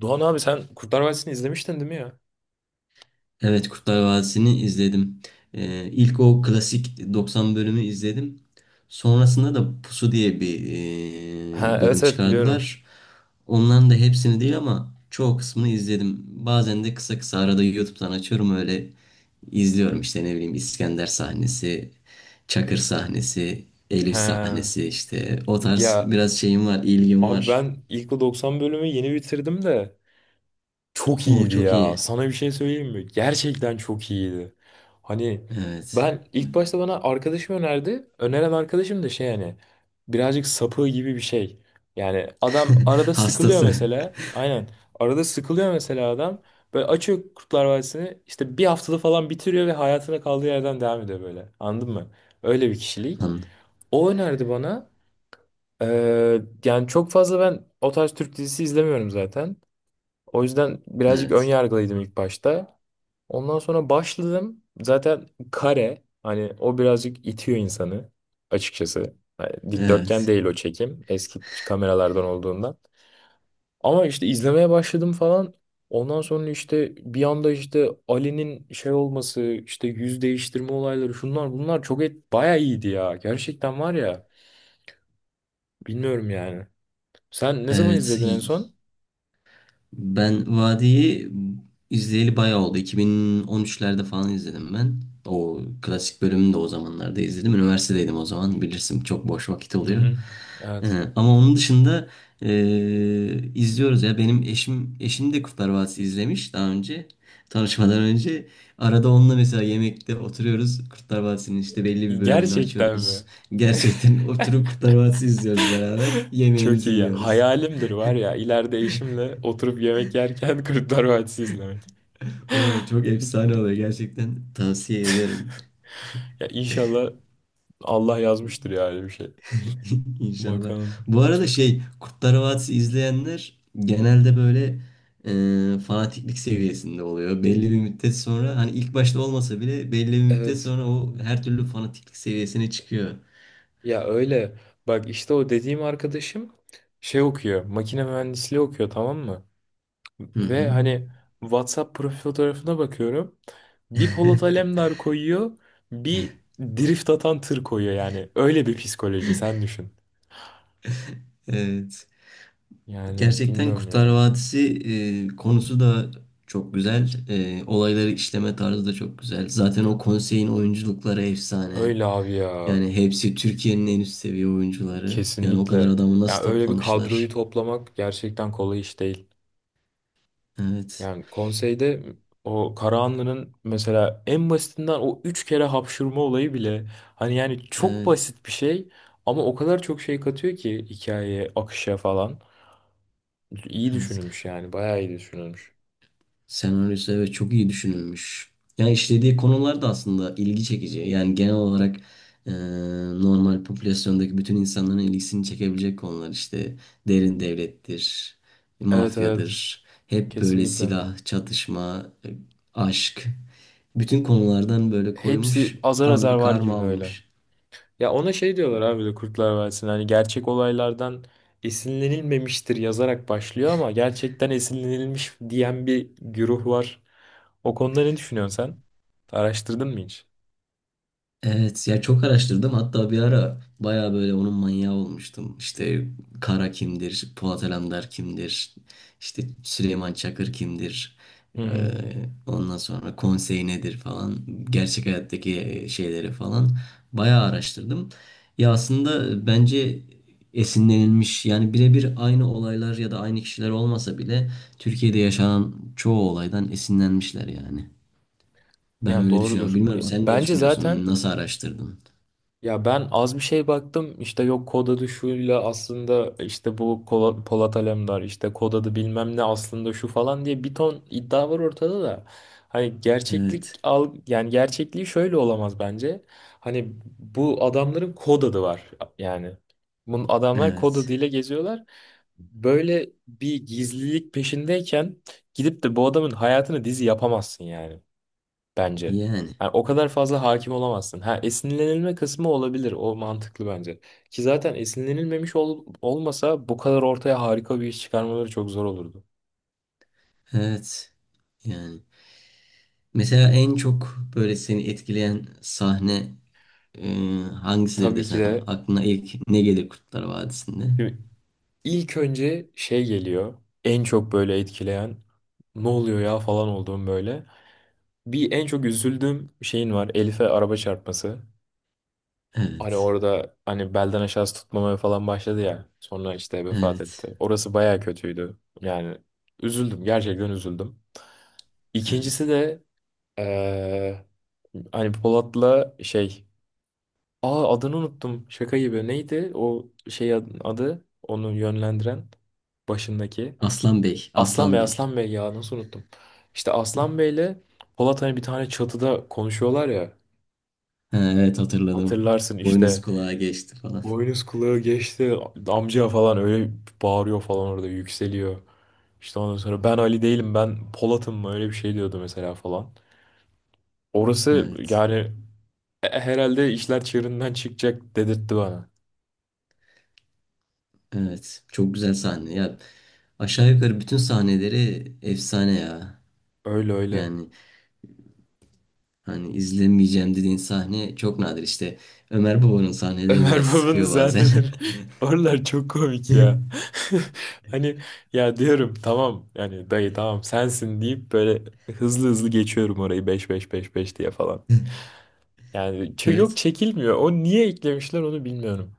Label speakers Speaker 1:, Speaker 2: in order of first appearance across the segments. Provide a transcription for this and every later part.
Speaker 1: Doğan abi sen Kurtlar Vadisi'ni izlemiştin değil mi ya?
Speaker 2: Evet Kurtlar Vadisi'ni izledim. İlk o klasik 90 bölümü izledim. Sonrasında da Pusu diye bir
Speaker 1: Ha,
Speaker 2: bölüm
Speaker 1: evet evet biliyorum.
Speaker 2: çıkardılar. Ondan da hepsini değil ama çoğu kısmını izledim. Bazen de kısa kısa arada YouTube'dan açıyorum öyle izliyorum işte ne bileyim İskender sahnesi, Çakır sahnesi, Elif
Speaker 1: Ha,
Speaker 2: sahnesi işte o tarz
Speaker 1: ya
Speaker 2: biraz şeyim var, ilgim
Speaker 1: abi
Speaker 2: var.
Speaker 1: ben ilk o 90 bölümü yeni bitirdim de çok
Speaker 2: Oo,
Speaker 1: iyiydi
Speaker 2: çok
Speaker 1: ya.
Speaker 2: iyi.
Speaker 1: Sana bir şey söyleyeyim mi? Gerçekten çok iyiydi. Hani
Speaker 2: Evet.
Speaker 1: ben ilk başta bana arkadaşım önerdi. Öneren arkadaşım da şey, hani birazcık sapığı gibi bir şey. Yani adam arada sıkılıyor
Speaker 2: Hastası.
Speaker 1: mesela. Aynen. Arada sıkılıyor mesela adam. Böyle açıyor Kurtlar Vadisi'ni. İşte bir haftada falan bitiriyor ve hayatına kaldığı yerden devam ediyor böyle. Anladın mı? Öyle bir kişilik.
Speaker 2: An-
Speaker 1: O önerdi bana. Yani çok fazla ben o tarz Türk dizisi izlemiyorum zaten. O yüzden birazcık ön
Speaker 2: Evet.
Speaker 1: yargılıydım ilk başta. Ondan sonra başladım. Zaten kare, hani o birazcık itiyor insanı açıkçası. Yani dikdörtgen
Speaker 2: Evet.
Speaker 1: değil o çekim, eski kameralardan olduğundan. Ama işte izlemeye başladım falan. Ondan sonra işte bir anda işte Ali'nin şey olması, işte yüz değiştirme olayları, şunlar bunlar çok et bayağı iyiydi ya. Gerçekten var ya, bilmiyorum yani. Sen ne zaman
Speaker 2: Evet,
Speaker 1: izledin en
Speaker 2: y-
Speaker 1: son?
Speaker 2: Ben Vadi'yi izleyeli bayağı oldu. 2013'lerde falan izledim ben. O klasik bölümünü de o zamanlarda izledim. Üniversitedeydim o zaman bilirsin çok boş vakit
Speaker 1: Hı
Speaker 2: oluyor.
Speaker 1: hı.
Speaker 2: Ee,
Speaker 1: Evet.
Speaker 2: Ama onun dışında izliyoruz ya benim eşim de Kurtlar Vadisi izlemiş daha önce tanışmadan önce. Arada onunla mesela yemekte oturuyoruz Kurtlar Vadisi'nin işte belli bir bölümünü
Speaker 1: Gerçekten
Speaker 2: açıyoruz.
Speaker 1: mi?
Speaker 2: Gerçekten oturup Kurtlar Vadisi izliyoruz beraber
Speaker 1: Çok
Speaker 2: yemeğimizi
Speaker 1: iyi.
Speaker 2: yiyoruz.
Speaker 1: Hayalimdir var ya, ileride eşimle oturup yemek yerken Kurtlar Vadisi izlemek.
Speaker 2: Oo, çok efsane oluyor, gerçekten tavsiye ederim.
Speaker 1: Ya inşallah, Allah yazmıştır yani bir şey.
Speaker 2: inşallah.
Speaker 1: Bakalım.
Speaker 2: Bu arada şey, Kurtlar Vadisi izleyenler genelde böyle fanatiklik seviyesinde oluyor. Belli bir müddet sonra hani ilk başta olmasa bile belli bir müddet
Speaker 1: Evet.
Speaker 2: sonra o her türlü fanatiklik seviyesine çıkıyor.
Speaker 1: Ya öyle. Bak işte o dediğim arkadaşım şey okuyor. Makine mühendisliği okuyor, tamam mı?
Speaker 2: Hı
Speaker 1: Ve
Speaker 2: hı.
Speaker 1: hani WhatsApp profil fotoğrafına bakıyorum. Bir Polat Alemdar koyuyor. Bir drift atan tır koyuyor yani. Öyle bir psikoloji sen düşün.
Speaker 2: Evet.
Speaker 1: Yani
Speaker 2: Gerçekten
Speaker 1: bilmiyorum
Speaker 2: Kurtlar
Speaker 1: ya.
Speaker 2: Vadisi konusu da çok güzel. E, olayları işleme tarzı da çok güzel. Zaten o konseyin oyunculukları efsane.
Speaker 1: Öyle abi ya.
Speaker 2: Yani hepsi Türkiye'nin en üst seviye oyuncuları. Yani o kadar
Speaker 1: Kesinlikle.
Speaker 2: adamı nasıl
Speaker 1: Yani öyle bir kadroyu
Speaker 2: toplamışlar?
Speaker 1: toplamak gerçekten kolay iş değil.
Speaker 2: Evet.
Speaker 1: Yani konseyde o Karahanlı'nın mesela en basitinden o 3 kere hapşırma olayı bile, hani yani çok
Speaker 2: Evet.
Speaker 1: basit bir şey, ama o kadar çok şey katıyor ki hikayeye, akışa falan. İyi
Speaker 2: Evet.
Speaker 1: düşünülmüş yani, bayağı iyi düşünülmüş.
Speaker 2: Senaryosu, evet, çok iyi düşünülmüş. Yani işlediği konular da aslında ilgi çekici. Yani genel olarak e, normal popülasyondaki bütün insanların ilgisini çekebilecek konular işte, derin devlettir,
Speaker 1: Evet evet,
Speaker 2: mafyadır. Hep böyle
Speaker 1: kesinlikle.
Speaker 2: silah, çatışma, aşk. Bütün konulardan böyle
Speaker 1: Hepsi
Speaker 2: koymuş.
Speaker 1: azar
Speaker 2: Tam
Speaker 1: azar
Speaker 2: bir
Speaker 1: var
Speaker 2: karma
Speaker 1: gibi böyle.
Speaker 2: olmuş.
Speaker 1: Ya ona şey diyorlar abi de, Kurtlar Vadisi'nde hani gerçek olaylardan esinlenilmemiştir yazarak başlıyor ama gerçekten esinlenilmiş diyen bir güruh var. O konuda ne düşünüyorsun sen? Araştırdın mı hiç?
Speaker 2: Evet ya, çok araştırdım, hatta bir ara baya böyle onun manyağı olmuştum. İşte Kara kimdir, Polat Alemdar kimdir, işte Süleyman Çakır kimdir,
Speaker 1: Hı
Speaker 2: Ee,
Speaker 1: hı.
Speaker 2: ondan sonra konsey nedir falan, gerçek hayattaki şeyleri falan baya araştırdım. Ya aslında bence esinlenilmiş, yani birebir aynı olaylar ya da aynı kişiler olmasa bile Türkiye'de yaşanan çoğu olaydan esinlenmişler yani. Ben
Speaker 1: Yani
Speaker 2: öyle düşünüyorum.
Speaker 1: doğrudur.
Speaker 2: Bilmiyorum,
Speaker 1: Ya
Speaker 2: sen ne
Speaker 1: bence zaten.
Speaker 2: düşünüyorsun? Nasıl araştırdın?
Speaker 1: Ya ben az bir şey baktım, işte yok kod adı şuyla, aslında işte bu Polat Alemdar işte kod adı bilmem ne, aslında şu falan diye bir ton iddia var ortada da. Hani gerçeklik
Speaker 2: Evet,
Speaker 1: al, yani gerçekliği şöyle olamaz bence. Hani bu adamların kod adı var yani. Bu adamlar kod
Speaker 2: evet.
Speaker 1: adıyla geziyorlar. Böyle bir gizlilik peşindeyken gidip de bu adamın hayatını dizi yapamazsın yani, bence.
Speaker 2: Yani,
Speaker 1: Yani o kadar fazla hakim olamazsın. Ha, esinlenilme kısmı olabilir. O mantıklı bence. Ki zaten esinlenilmemiş olmasa bu kadar ortaya harika bir iş çıkarmaları çok zor olurdu.
Speaker 2: evet. Yani. Mesela en çok böyle seni etkileyen sahne e, hangisidir
Speaker 1: Tabii ki
Speaker 2: desem,
Speaker 1: de
Speaker 2: aklına ilk ne gelir Kurtlar Vadisi'nde?
Speaker 1: şimdi ilk önce şey geliyor. En çok böyle etkileyen ne oluyor ya falan olduğum böyle. Bir en çok üzüldüğüm şeyin var: Elif'e araba çarpması. Hani
Speaker 2: Evet,
Speaker 1: orada hani belden aşağısı tutmamaya falan başladı ya. Sonra işte vefat
Speaker 2: evet,
Speaker 1: etti. Orası baya kötüydü. Yani üzüldüm. Gerçekten üzüldüm. İkincisi
Speaker 2: evet.
Speaker 1: de eee, hani Polat'la şey. Aa, adını unuttum. Şaka gibi. Neydi o şey adı? Onu yönlendiren, başındaki.
Speaker 2: Aslan Bey,
Speaker 1: Aslan
Speaker 2: Aslan
Speaker 1: Bey,
Speaker 2: Bey.
Speaker 1: Aslan Bey ya, nasıl unuttum. İşte Aslan Bey'le Polat hani bir tane çatıda konuşuyorlar ya.
Speaker 2: Ha, evet, hatırladım.
Speaker 1: Hatırlarsın
Speaker 2: Boynuz
Speaker 1: işte.
Speaker 2: kulağa geçti falan.
Speaker 1: Boynuz kulağı geçti. Amca falan öyle bağırıyor falan, orada yükseliyor. İşte ondan sonra ben Ali değilim, ben Polat'ım mı öyle bir şey diyordu mesela falan. Orası
Speaker 2: Evet,
Speaker 1: yani, herhalde işler çığırından çıkacak dedirtti bana.
Speaker 2: evet. Çok güzel sahne. Ya aşağı yukarı bütün sahneleri efsane ya.
Speaker 1: Öyle öyle.
Speaker 2: Yani hani izlemeyeceğim dediğin sahne çok nadir işte. Ömer Baba'nın sahneleri
Speaker 1: Ömer
Speaker 2: biraz
Speaker 1: Baba'nın
Speaker 2: sıkıyor bazen.
Speaker 1: sahneleri oralar çok komik ya. Hani ya, diyorum tamam yani dayı tamam sensin deyip böyle hızlı hızlı geçiyorum orayı, beş beş beş beş diye falan. Yani yok,
Speaker 2: Evet.
Speaker 1: çekilmiyor. O niye eklemişler onu bilmiyorum.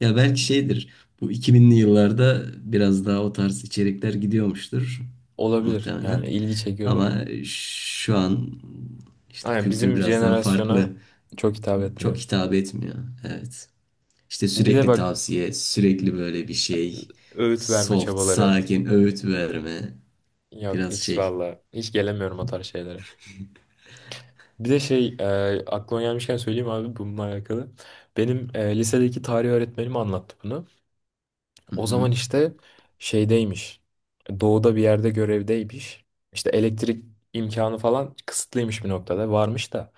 Speaker 2: Ya belki şeydir. Bu 2000'li yıllarda biraz daha o tarz içerikler gidiyormuştur
Speaker 1: Olabilir yani,
Speaker 2: muhtemelen.
Speaker 1: ilgi çekiyordur.
Speaker 2: Ama şu an işte
Speaker 1: Aynen,
Speaker 2: kültür
Speaker 1: bizim
Speaker 2: biraz daha
Speaker 1: jenerasyona
Speaker 2: farklı.
Speaker 1: çok hitap
Speaker 2: Çok
Speaker 1: etmiyor.
Speaker 2: hitap etmiyor. Evet. İşte
Speaker 1: Bir de
Speaker 2: sürekli
Speaker 1: bak
Speaker 2: tavsiye, sürekli böyle bir şey.
Speaker 1: öğüt verme
Speaker 2: Soft,
Speaker 1: çabaları.
Speaker 2: sakin, öğüt verme.
Speaker 1: Yok
Speaker 2: Biraz
Speaker 1: hiç
Speaker 2: şey.
Speaker 1: valla, hiç gelemiyorum o tarz şeylere. Bir de şey, aklıma gelmişken söyleyeyim abi bununla alakalı. Benim lisedeki tarih öğretmenim anlattı bunu.
Speaker 2: Hı
Speaker 1: O
Speaker 2: hı.
Speaker 1: zaman işte şeydeymiş. Doğuda bir yerde görevdeymiş. İşte elektrik imkanı falan kısıtlıymış bir noktada. Varmış da.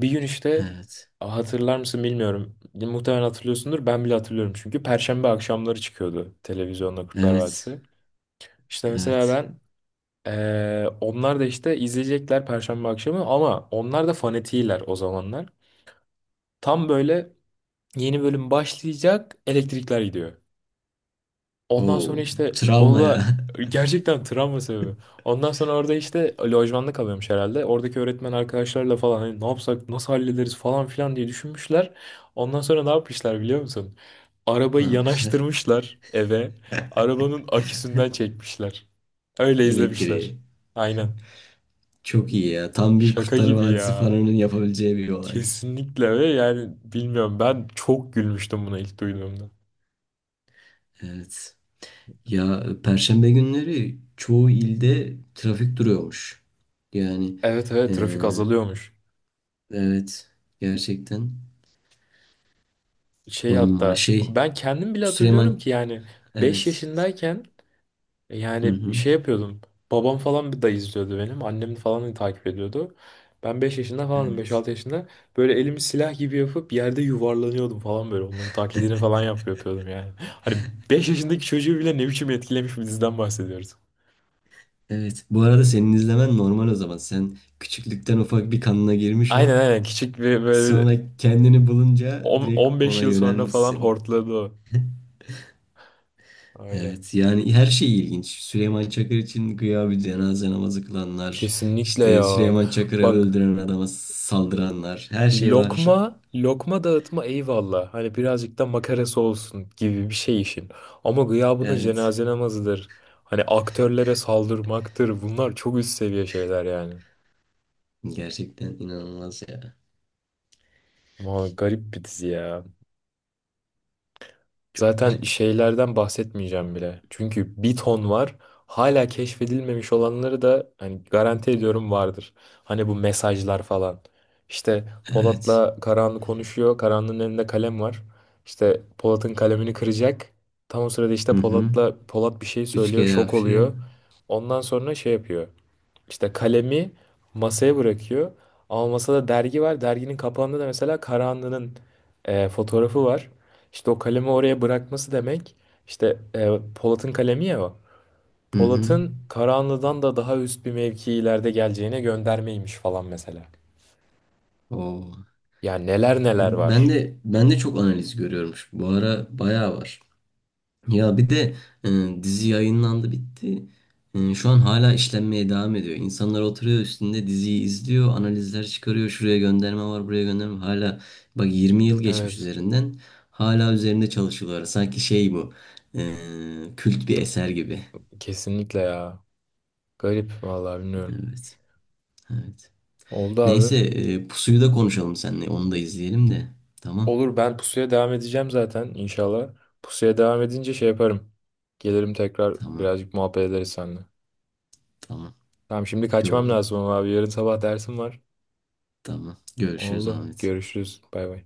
Speaker 1: Bir gün işte,
Speaker 2: Evet.
Speaker 1: hatırlar mısın bilmiyorum. Muhtemelen hatırlıyorsundur. Ben bile hatırlıyorum çünkü. Perşembe akşamları çıkıyordu televizyonda Kurtlar
Speaker 2: Evet.
Speaker 1: Vadisi. İşte mesela
Speaker 2: Evet.
Speaker 1: ben onlar da işte izleyecekler Perşembe akşamı, ama onlar da fanatiler o zamanlar. Tam böyle yeni bölüm başlayacak, elektrikler gidiyor. Ondan sonra
Speaker 2: Oo,
Speaker 1: işte
Speaker 2: travma
Speaker 1: o
Speaker 2: ya.
Speaker 1: da gerçekten travma sebebi. Ondan sonra orada işte lojmanda kalıyormuş herhalde. Oradaki öğretmen arkadaşlarla falan hani ne yapsak nasıl hallederiz falan filan diye düşünmüşler. Ondan sonra ne yapmışlar biliyor musun?
Speaker 2: Ne
Speaker 1: Arabayı
Speaker 2: yapmışlar?
Speaker 1: yanaştırmışlar eve. Arabanın aküsünden çekmişler. Öyle izlemişler.
Speaker 2: Elektriği.
Speaker 1: Aynen.
Speaker 2: Çok iyi ya. Tam bir
Speaker 1: Şaka
Speaker 2: Kurtlar
Speaker 1: gibi
Speaker 2: Vadisi
Speaker 1: ya.
Speaker 2: fanının yapabileceği bir olay.
Speaker 1: Kesinlikle, ve yani bilmiyorum, ben çok gülmüştüm buna ilk duyduğumda.
Speaker 2: Evet. Ya Perşembe günleri çoğu ilde trafik duruyormuş. Yani
Speaker 1: Evet evet,
Speaker 2: eee,
Speaker 1: trafik azalıyormuş.
Speaker 2: evet, gerçekten
Speaker 1: Şey,
Speaker 2: on numara
Speaker 1: hatta
Speaker 2: şey.
Speaker 1: ben kendim bile hatırlıyorum
Speaker 2: Süleyman,
Speaker 1: ki yani 5
Speaker 2: evet.
Speaker 1: yaşındayken
Speaker 2: Hı
Speaker 1: yani
Speaker 2: hı.
Speaker 1: şey yapıyordum. Babam falan bir da izliyordu benim. Annem falan da takip ediyordu. Ben 5 yaşında falanım,
Speaker 2: Evet.
Speaker 1: 5-6 yaşında. Böyle elimi silah gibi yapıp yerde yuvarlanıyordum falan böyle. Onların taklidini falan yapıyordum yani. Hani 5 yaşındaki çocuğu bile ne biçim etkilemiş bir diziden bahsediyoruz.
Speaker 2: Evet. Bu arada senin izlemen normal o zaman. Sen küçüklükten ufak bir, kanına girmiş o.
Speaker 1: Aynen aynen, küçük bir böyle
Speaker 2: Sonra kendini bulunca direkt
Speaker 1: 15
Speaker 2: ona
Speaker 1: yıl sonra falan
Speaker 2: yönelmişsin.
Speaker 1: hortladı o. Öyle.
Speaker 2: Evet, yani her şey ilginç. Süleyman Çakır için güya bir cenaze namazı kılanlar,
Speaker 1: Kesinlikle
Speaker 2: işte
Speaker 1: ya.
Speaker 2: Süleyman Çakır'ı
Speaker 1: Bak,
Speaker 2: öldüren adama saldıranlar, her şey var.
Speaker 1: lokma, lokma dağıtma, eyvallah. Hani birazcık da makarası olsun gibi bir şey işin. Ama gıya buna
Speaker 2: Evet.
Speaker 1: cenaze namazıdır. Hani aktörlere saldırmaktır. Bunlar çok üst seviye şeyler yani.
Speaker 2: Gerçekten inanılmaz ya.
Speaker 1: Vay, garip bir dizi ya.
Speaker 2: Çok
Speaker 1: Zaten
Speaker 2: garip.
Speaker 1: şeylerden bahsetmeyeceğim bile. Çünkü bir ton var. Hala keşfedilmemiş olanları da hani garanti ediyorum vardır. Hani bu mesajlar falan. İşte
Speaker 2: Evet.
Speaker 1: Polat'la Karahanlı konuşuyor. Karahanlı'nın elinde kalem var. İşte Polat'ın kalemini kıracak. Tam o sırada işte
Speaker 2: Hı hı.
Speaker 1: Polat'la Polat bir şey
Speaker 2: Üç
Speaker 1: söylüyor.
Speaker 2: kere
Speaker 1: Şok
Speaker 2: hapşire.
Speaker 1: oluyor. Ondan sonra şey yapıyor. İşte kalemi masaya bırakıyor. Ama masada dergi var. Derginin kapağında da mesela Karahanlı'nın fotoğrafı var. İşte o kalemi oraya bırakması demek. İşte Polat'ın kalemi ya o.
Speaker 2: Hı hı.
Speaker 1: Polat'ın Karahanlı'dan da daha üst bir mevki ileride geleceğine göndermeymiş falan mesela.
Speaker 2: Oo.
Speaker 1: Yani neler neler
Speaker 2: Ben
Speaker 1: var.
Speaker 2: de ben de çok analiz görüyormuş. Bu ara bayağı var. Ya bir de dizi yayınlandı, bitti. E, şu an hala işlenmeye devam ediyor. İnsanlar oturuyor üstünde diziyi izliyor, analizler çıkarıyor. Şuraya gönderme var, buraya gönderme var. Hala bak, 20 yıl geçmiş
Speaker 1: Evet.
Speaker 2: üzerinden. Hala üzerinde çalışıyorlar. Sanki şey bu, kült bir eser gibi.
Speaker 1: Kesinlikle ya. Garip vallahi bilmiyorum.
Speaker 2: Evet. Evet.
Speaker 1: Oldu abi.
Speaker 2: Neyse, Pusu'yu da konuşalım seninle. Onu da izleyelim de. Tamam.
Speaker 1: Olur, ben pusuya devam edeceğim zaten inşallah. Pusuya devam edince şey yaparım. Gelirim tekrar,
Speaker 2: Tamam.
Speaker 1: birazcık muhabbet ederiz seninle.
Speaker 2: Tamam.
Speaker 1: Tamam, şimdi kaçmam
Speaker 2: Oldu.
Speaker 1: lazım ama abi yarın sabah dersim var.
Speaker 2: Tamam. Görüşürüz
Speaker 1: Oldu.
Speaker 2: Ahmet.
Speaker 1: Görüşürüz. Bay bay.